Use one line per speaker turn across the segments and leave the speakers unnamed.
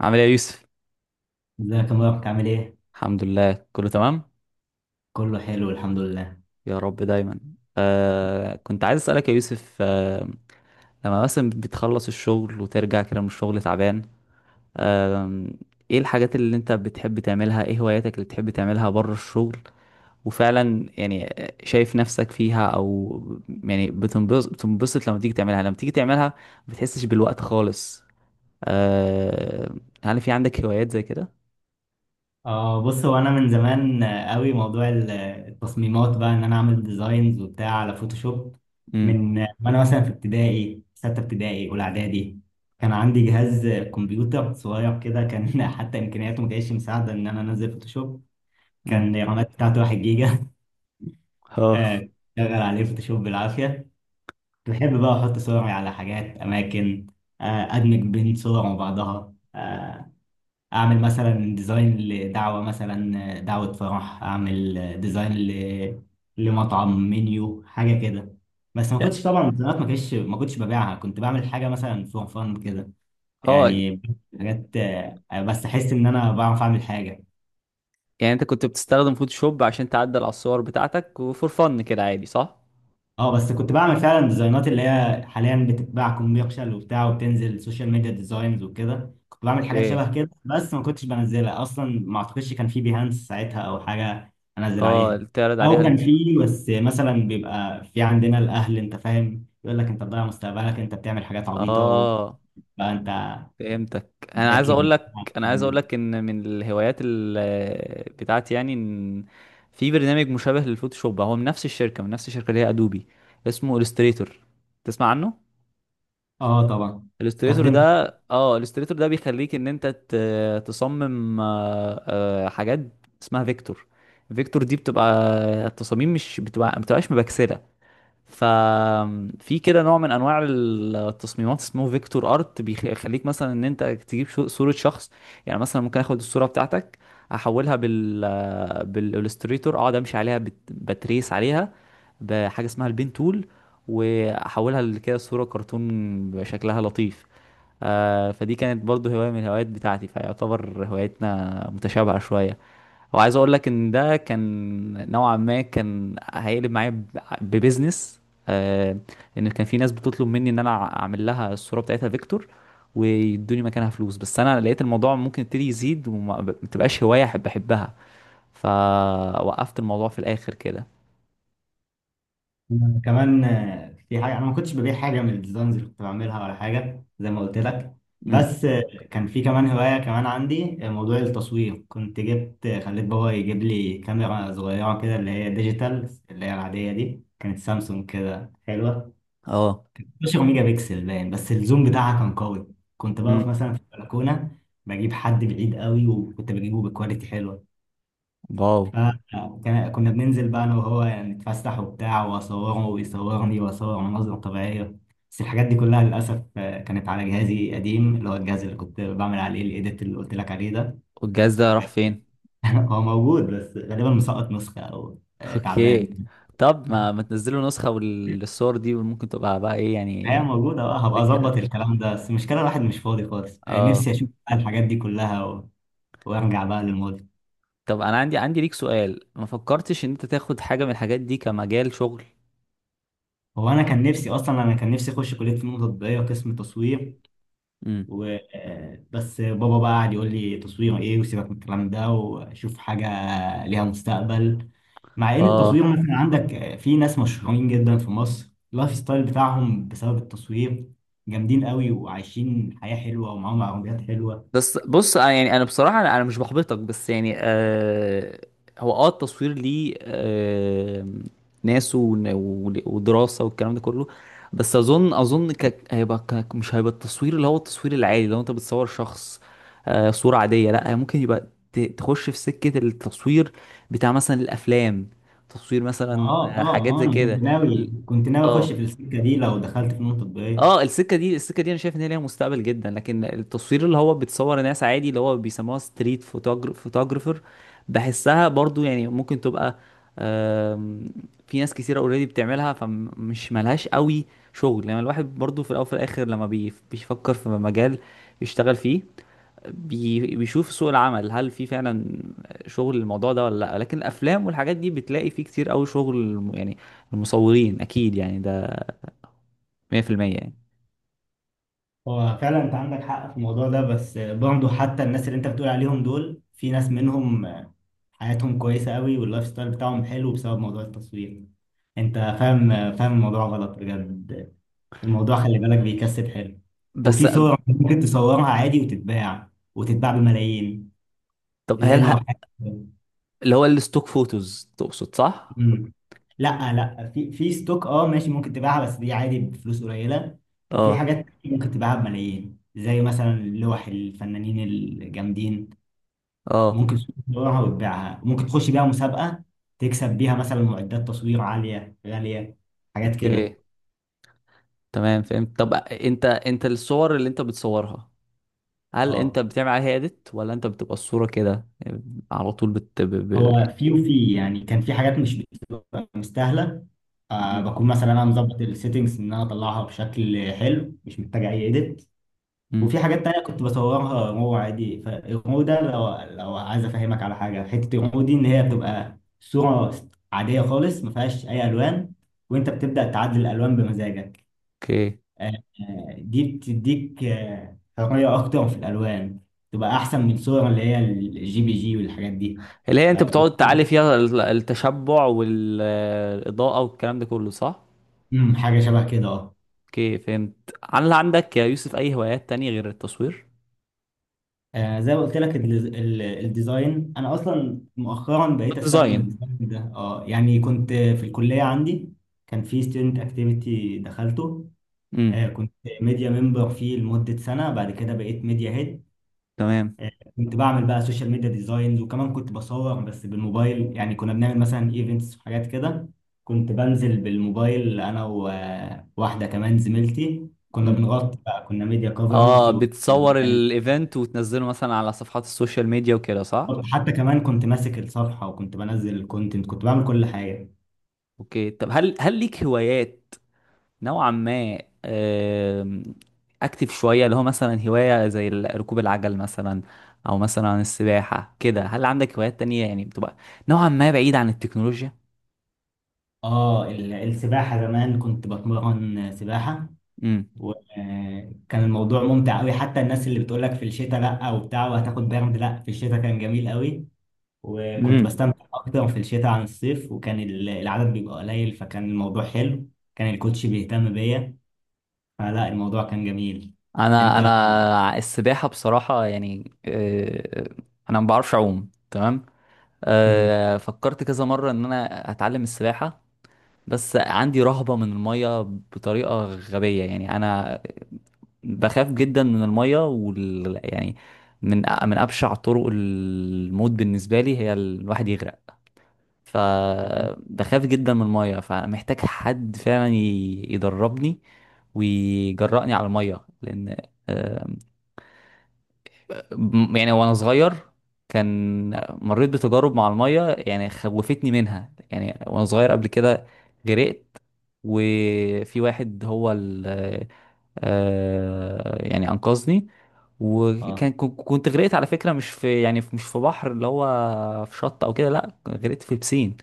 عامل ايه يا يوسف؟
ازيك يا مبارك عامل ايه؟
الحمد لله، كله تمام.
كله حلو الحمد لله.
يا رب دايما. كنت عايز اسالك يا يوسف لما مثلا بتخلص الشغل وترجع كده من الشغل تعبان آه ايه الحاجات اللي انت بتحب تعملها؟ ايه هواياتك اللي بتحب تعملها بره الشغل؟ وفعلا يعني شايف نفسك فيها؟ او يعني بتنبسط لما تيجي تعملها ما بتحسش بالوقت خالص؟ آه هل في عندك هوايات زي كده؟
اه، بص، هو انا من زمان قوي موضوع التصميمات بقى ان انا اعمل ديزاينز وبتاع على فوتوشوب.
امم.
من آه، وانا مثلا في ابتدائي ستة ابتدائي اولى اعدادي كان عندي جهاز كمبيوتر صغير كده كان حتى امكانياته ما كانتش مساعده ان انا انزل فوتوشوب.
امم.
كان الرامات بتاعته 1 جيجا.
اه.
آه، شغل عليه فوتوشوب بالعافيه. كنت بحب بقى احط صوري على حاجات اماكن، ادمج بين صور وبعضها، اعمل مثلا ديزاين لدعوه، مثلا دعوه فرح اعمل ديزاين لمطعم منيو حاجه كده. بس ما كنتش طبعا الديزاينات ما كنتش ببيعها، كنت بعمل حاجه مثلا فور فان كده
اه.
يعني، حاجات بس احس ان انا بعرف اعمل حاجه.
يعني انت كنت بتستخدم فوتوشوب عشان تعدل على الصور بتاعتك وفور فن كده عادي، صح؟
اه، بس كنت بعمل فعلا ديزاينات اللي هي حاليا بتتباع كوميرشال وبتاع، وبتنزل سوشيال ميديا ديزاينز وكده، كنت بعمل حاجات
ايه.
شبه كده بس ما كنتش بنزلها اصلا، ما اعتقدش كان في بيهانس ساعتها او حاجه انزل
اه،
عليها،
تعرض عليها
او كان في بس مثلا بيبقى في عندنا الاهل، انت فاهم، يقول لك انت بتضيع مستقبلك، انت بتعمل حاجات عبيطه وبقى.
اه،
انت
فهمتك. انا عايز اقول
بتذاكر.
لك انا عايز اقول لك ان من الهوايات بتاعتي، يعني ان في برنامج مشابه للفوتوشوب، هو من نفس الشركة اللي هي ادوبي، اسمه الستريتور. تسمع عنه
اه طبعا،
الالستريتور
استخدمت.
ده؟ اه، الالستريتور ده بيخليك ان انت تصمم حاجات اسمها فيكتور. فيكتور دي بتبقى التصاميم مش بتبقى ما بتبقاش مبكسله. ففي كده نوع من انواع التصميمات اسمه فيكتور ارت، بيخليك مثلا ان انت تجيب صوره شخص. يعني مثلا ممكن اخد الصوره بتاعتك، احولها بالالستريتور، اقعد امشي عليها، بتريس عليها بحاجه اسمها البين تول، واحولها لكده صوره كرتون بشكلها لطيف. فدي كانت برضو هواية من الهوايات بتاعتي، فيعتبر هواياتنا متشابهة شوية. وعايز اقول لك ان ده كان نوعا ما كان هيقلب معايا ببزنس آه لان كان في ناس بتطلب مني ان انا اعمل لها الصورة بتاعتها فيكتور ويدوني مكانها فلوس. بس انا لقيت الموضوع ممكن يبتدي يزيد وما ما تبقاش هواية احبها، فوقفت الموضوع في الاخر كده.
أنا كمان، في حاجة، أنا ما كنتش ببيع حاجة من الديزاينز اللي كنت بعملها ولا حاجة زي ما قلت لك،
امم.
بس كان في كمان هواية كمان عندي، موضوع التصوير، كنت جبت، خليت بابا يجيب لي كاميرا صغيرة كده اللي هي ديجيتال، اللي هي العادية دي، كانت سامسونج كده حلوة.
اه.
12 ميجا بكسل باين، بس الزوم بتاعها كان قوي. كنت
امم.
بقف مثلا في البلكونة بجيب حد بعيد قوي، وكنت بجيبه بكواليتي حلوة.
واو.
آه، كنا بننزل بقى انا وهو يعني نتفسح وبتاع، واصوره ويصورني، واصور مناظر طبيعيه. بس الحاجات دي كلها للاسف كانت على جهازي قديم، اللي هو الجهاز اللي كنت بعمل عليه الايديت اللي قلت لك عليه ده.
والجهاز ده راح فين؟
هو موجود، بس غالبا مسقط نسخه او تعبان.
اوكي، طب ما ما تنزلوا نسخة للصور دي ممكن تبقى بقى ايه
هي
يعني؟
موجوده بقى، هبقى اظبط
ذكرك.
الكلام ده، بس المشكله الواحد مش فاضي خالص.
اه.
نفسي اشوف بقى الحاجات دي كلها وارجع بقى للماضي.
طب انا عندي ليك سؤال: ما فكرتش ان انت تاخد حاجة من الحاجات دي كمجال شغل؟
هو انا كان نفسي اخش كليه فنون تطبيقيه قسم تصوير،
امم.
و آه، بس بابا بقى قعد يقول لي تصوير ايه، وسيبك من الكلام ده وشوف حاجه ليها مستقبل. مع ان التصوير
اه.
مثلا عندك في ناس مشهورين جدا في مصر، اللايف ستايل بتاعهم بسبب التصوير، جامدين قوي وعايشين حياه حلوه ومعاهم عربيات حلوه.
بس بص، أنا يعني انا بصراحه، انا مش بحبطك، بس يعني هو اه، التصوير ليه ناس ودراسه والكلام ده كله. بس اظن مش هيبقى التصوير اللي هو التصوير العادي. لو انت بتصور شخص صوره عاديه، لا. ممكن يبقى تخش في سكه التصوير بتاع مثلا الافلام، تصوير مثلا
اه اه
حاجات
اه،
زي
انا كنت
كده.
ناوي
ال-
كنت ناوي اخش
اه،
في السكه دي لو دخلت فنون تطبيقيه.
اه، السكه دي انا شايف ان هي ليها مستقبل جدا. لكن التصوير اللي هو بتصور ناس عادي اللي هو بيسموها ستريت فوتوجرافر، بحسها برضو يعني ممكن تبقى، آم، في ناس كثيره اوريدي بتعملها، فمش ملهاش قوي شغل. لما الواحد برضو في الاول وفي الاخر، لما بيفكر في مجال يشتغل فيه، بيشوف سوق العمل هل في فعلا شغل الموضوع ده ولا لا. لكن الافلام والحاجات دي بتلاقي فيه كتير قوي شغل، يعني المصورين اكيد، يعني ده 100%، يعني.
هو فعلا انت عندك حق في الموضوع ده، بس برضه حتى الناس اللي انت بتقول عليهم دول، في ناس منهم حياتهم كويسة قوي واللايف ستايل بتاعهم حلو بسبب موضوع التصوير. انت فاهم. فاهم الموضوع غلط بجد، الموضوع خلي بالك بيكسب حلو.
بس
وفي صور ممكن تصورها عادي وتتباع، وتتباع بملايين
طب
زي
هل
اللوحات.
اللي هو الستوك فوتوز تقصد، صح؟
مم. لا لا، في في ستوك، اه ماشي ممكن تبيعها، بس دي عادي بفلوس قليلة، وفي
اه.
حاجات ممكن تبيعها بملايين زي مثلا لوح الفنانين الجامدين.
اه.
ممكن تسوق تطورها وتبيعها، ممكن تخش بيها مسابقة تكسب بيها مثلا معدات تصوير عالية غالية، حاجات
اوكي،
كده.
تمام، فهمت. طب انت الصور اللي انت بتصورها، هل انت
اه،
بتعمل عليها اديت ولا انت بتبقى الصورة كده على طول؟
هو وفي يعني كان في حاجات مش بتبقى مستاهلة،
مم.
بكون مثلا انا مظبط السيتنجز ان انا اطلعها بشكل حلو مش محتاج اي اديت.
مم.
وفي حاجات تانية كنت بصورها رو عادي، فالرو ده لو عايز افهمك على حاجة حتة، الرو دي ان هي بتبقى صورة عادية خالص ما فيهاش اي الوان، وانت بتبدأ تعدل الالوان بمزاجك.
اوكي،
آه، دي بتديك حرية أكتر في الألوان، تبقى أحسن من صور اللي هي الجي بي جي والحاجات دي.
اللي هي
ف-
انت بتقعد تعالي فيها التشبع والاضاءة والكلام ده كله، صح؟
حاجة شبه كده اه.
اوكي، فهمت. هل عندك يا يوسف اي هوايات تانية غير التصوير؟
زي ما قلت لك، الديزاين، أنا أصلا مؤخرا بقيت أستخدم
والديزاين.
الديزاين ده. اه يعني كنت في الكلية عندي كان في ستودنت أكتيفيتي دخلته،
امم.
كنت ميديا ممبر فيه لمدة سنة، بعد كده بقيت ميديا هيد.
تمام.
كنت بعمل بقى سوشيال ميديا ديزاينز، وكمان كنت بصور بس بالموبايل، يعني كنا بنعمل مثلا ايفنتس وحاجات كده. كنت بنزل بالموبايل انا وواحده كمان زميلتي، كنا
مم.
بنغطي بقى، كنا ميديا
اه،
كفرج
بتصور
وبنعمل.
الايفنت وتنزله مثلا على صفحات السوشيال ميديا وكده، صح؟
حتى كمان كنت ماسك الصفحه وكنت بنزل الكونتنت، كنت بعمل كل حاجه.
اوكي، طب هل ليك هوايات نوعا ما اكتف شويه، اللي هو مثلا هوايه زي ركوب العجل مثلا، او مثلا السباحه كده، هل عندك هوايات تانية يعني بتبقى نوعا ما بعيد عن التكنولوجيا؟
اه، السباحه زمان كنت بتمرن سباحه،
امم.
وكان الموضوع ممتع قوي، حتى الناس اللي بتقولك في الشتاء لا وبتاع، وهتاخد برد، لا في الشتاء كان جميل قوي. وكنت
امم.
بستمتع أكتر في الشتاء عن الصيف، وكان العدد بيبقى قليل، فكان الموضوع حلو. كان الكوتش بيهتم بيا، فلا الموضوع كان جميل.
انا
أنت.
انا السباحه بصراحه يعني انا ما بعرفش اعوم تمام.
مم.
فكرت كذا مره ان انا اتعلم السباحه. بس عندي رهبة من المية بطريقة غبية، يعني أنا بخاف جدا من المية يعني من أبشع طرق الموت بالنسبة لي هي الواحد يغرق. فبخاف جدا من المية، فمحتاج حد فعلا يدربني ويجرأني على المية، لأن يعني وانا صغير كان
اه.
مريت بتجارب مع المية يعني خوفتني منها، يعني وانا صغير قبل كده غرقت. وفي واحد هو ال يعني انقذني.
آه.
كنت غرقت على فكرة، مش في، يعني مش في بحر اللي هو في شط او كده، لا، غرقت في بسين.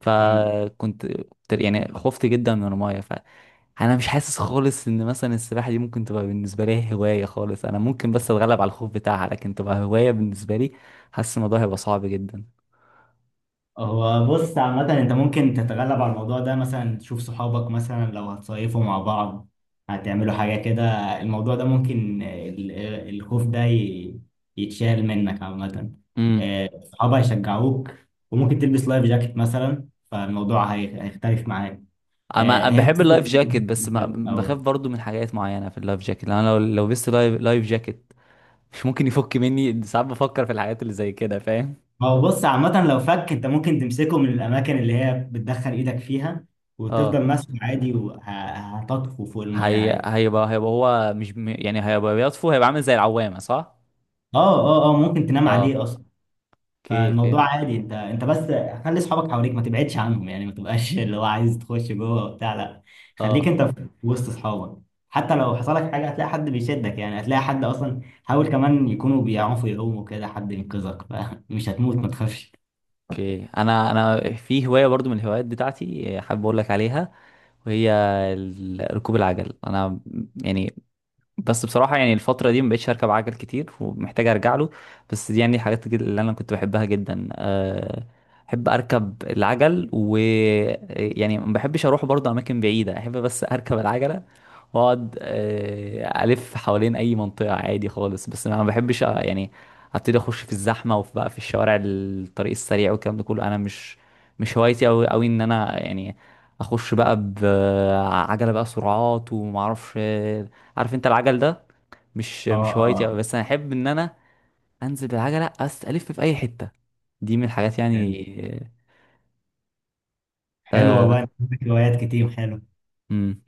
فكنت يعني خفت جدا من المايه. فانا مش حاسس خالص ان مثلا السباحه دي ممكن تبقى بالنسبه لي هوايه خالص، انا ممكن بس اتغلب على الخوف بتاعها لكن تبقى هوايه بالنسبه لي، حاسس الموضوع هيبقى صعب جدا.
هو بص عامة، انت ممكن تتغلب على الموضوع ده، مثلا تشوف صحابك مثلا لو هتصيفوا مع بعض، هتعملوا حاجة كده. الموضوع ده ممكن الخوف ده يتشال منك عامة.
امم.
صحابك هيشجعوك، وممكن تلبس لايف جاكيت مثلا، فالموضوع هيختلف معاك.
انا أنا
هي
بحب
بس
اللايف جاكيت بس ما،
أو.
بخاف برضو من حاجات معينه في اللايف جاكيت، لأن انا لو لبست لايف جاكيت مش ممكن يفك مني، ساعات بفكر في الحاجات اللي زي كده، فاهم؟
ما هو بص عامة لو فك، انت ممكن تمسكه من الأماكن اللي هي بتدخل إيدك فيها، وتفضل
اه.
ماسكه عادي، وهتطفو فوق المية عادي.
هيبقى هو مش م- يعني هيبقى بيطفو، هيبقى عامل زي العوامه، صح؟
اه اه اه، ممكن تنام
اه.
عليه اصلا.
اوكي،
فالموضوع
فهمت.
عادي، انت بس خلي اصحابك حواليك، ما تبعدش عنهم، يعني ما تبقاش اللي هو عايز تخش جوه وبتاع، لا خليك
اه.
انت في وسط اصحابك. حتى لو حصل لك حاجه هتلاقي حد بيشدك، يعني هتلاقي حد اصلا، حاول كمان يكونوا بيعرفوا يقوموا كده حد ينقذك، فمش هتموت ما تخافش.
اوكي، انا في هوايه برضو من الهوايات بتاعتي، حابب اقول لك عليها، وهي ركوب العجل، انا يعني، بس بصراحه، يعني الفتره دي ما بقتش اركب عجل كتير ومحتاج ارجع له، بس دي يعني اللي انا كنت بحبها جدا، احب اركب العجل و يعني ما بحبش اروح برضو اماكن بعيده، احب بس اركب العجله واقعد الف حوالين اي منطقه عادي خالص، بس انا ما بحبش يعني ابتدي اخش في الزحمه، وفي بقى في الشوارع الطريق السريع والكلام ده كله، انا مش هوايتي قوي قوي ان انا يعني اخش بقى بعجله بقى سرعات وما اعرفش عارف انت العجل ده مش
اه
مش هوايتي قوي،
اه،
بس انا احب ان انا انزل بالعجله، الف في اي حته، دي من الحاجات
حلو
يعني.
حلو
آه،
والله، عندك هوايات كتير حلو.
امم.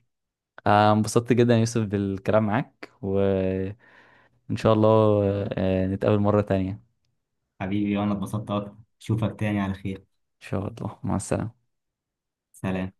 انبسطت جدا يا يوسف بالكلام معاك، و إن شاء الله، نتقابل مرة تانية إن
حبيبي، وانا اتبسطت اكتر، اشوفك تاني على خير.
شاء الله. مع السلامة.
سلام.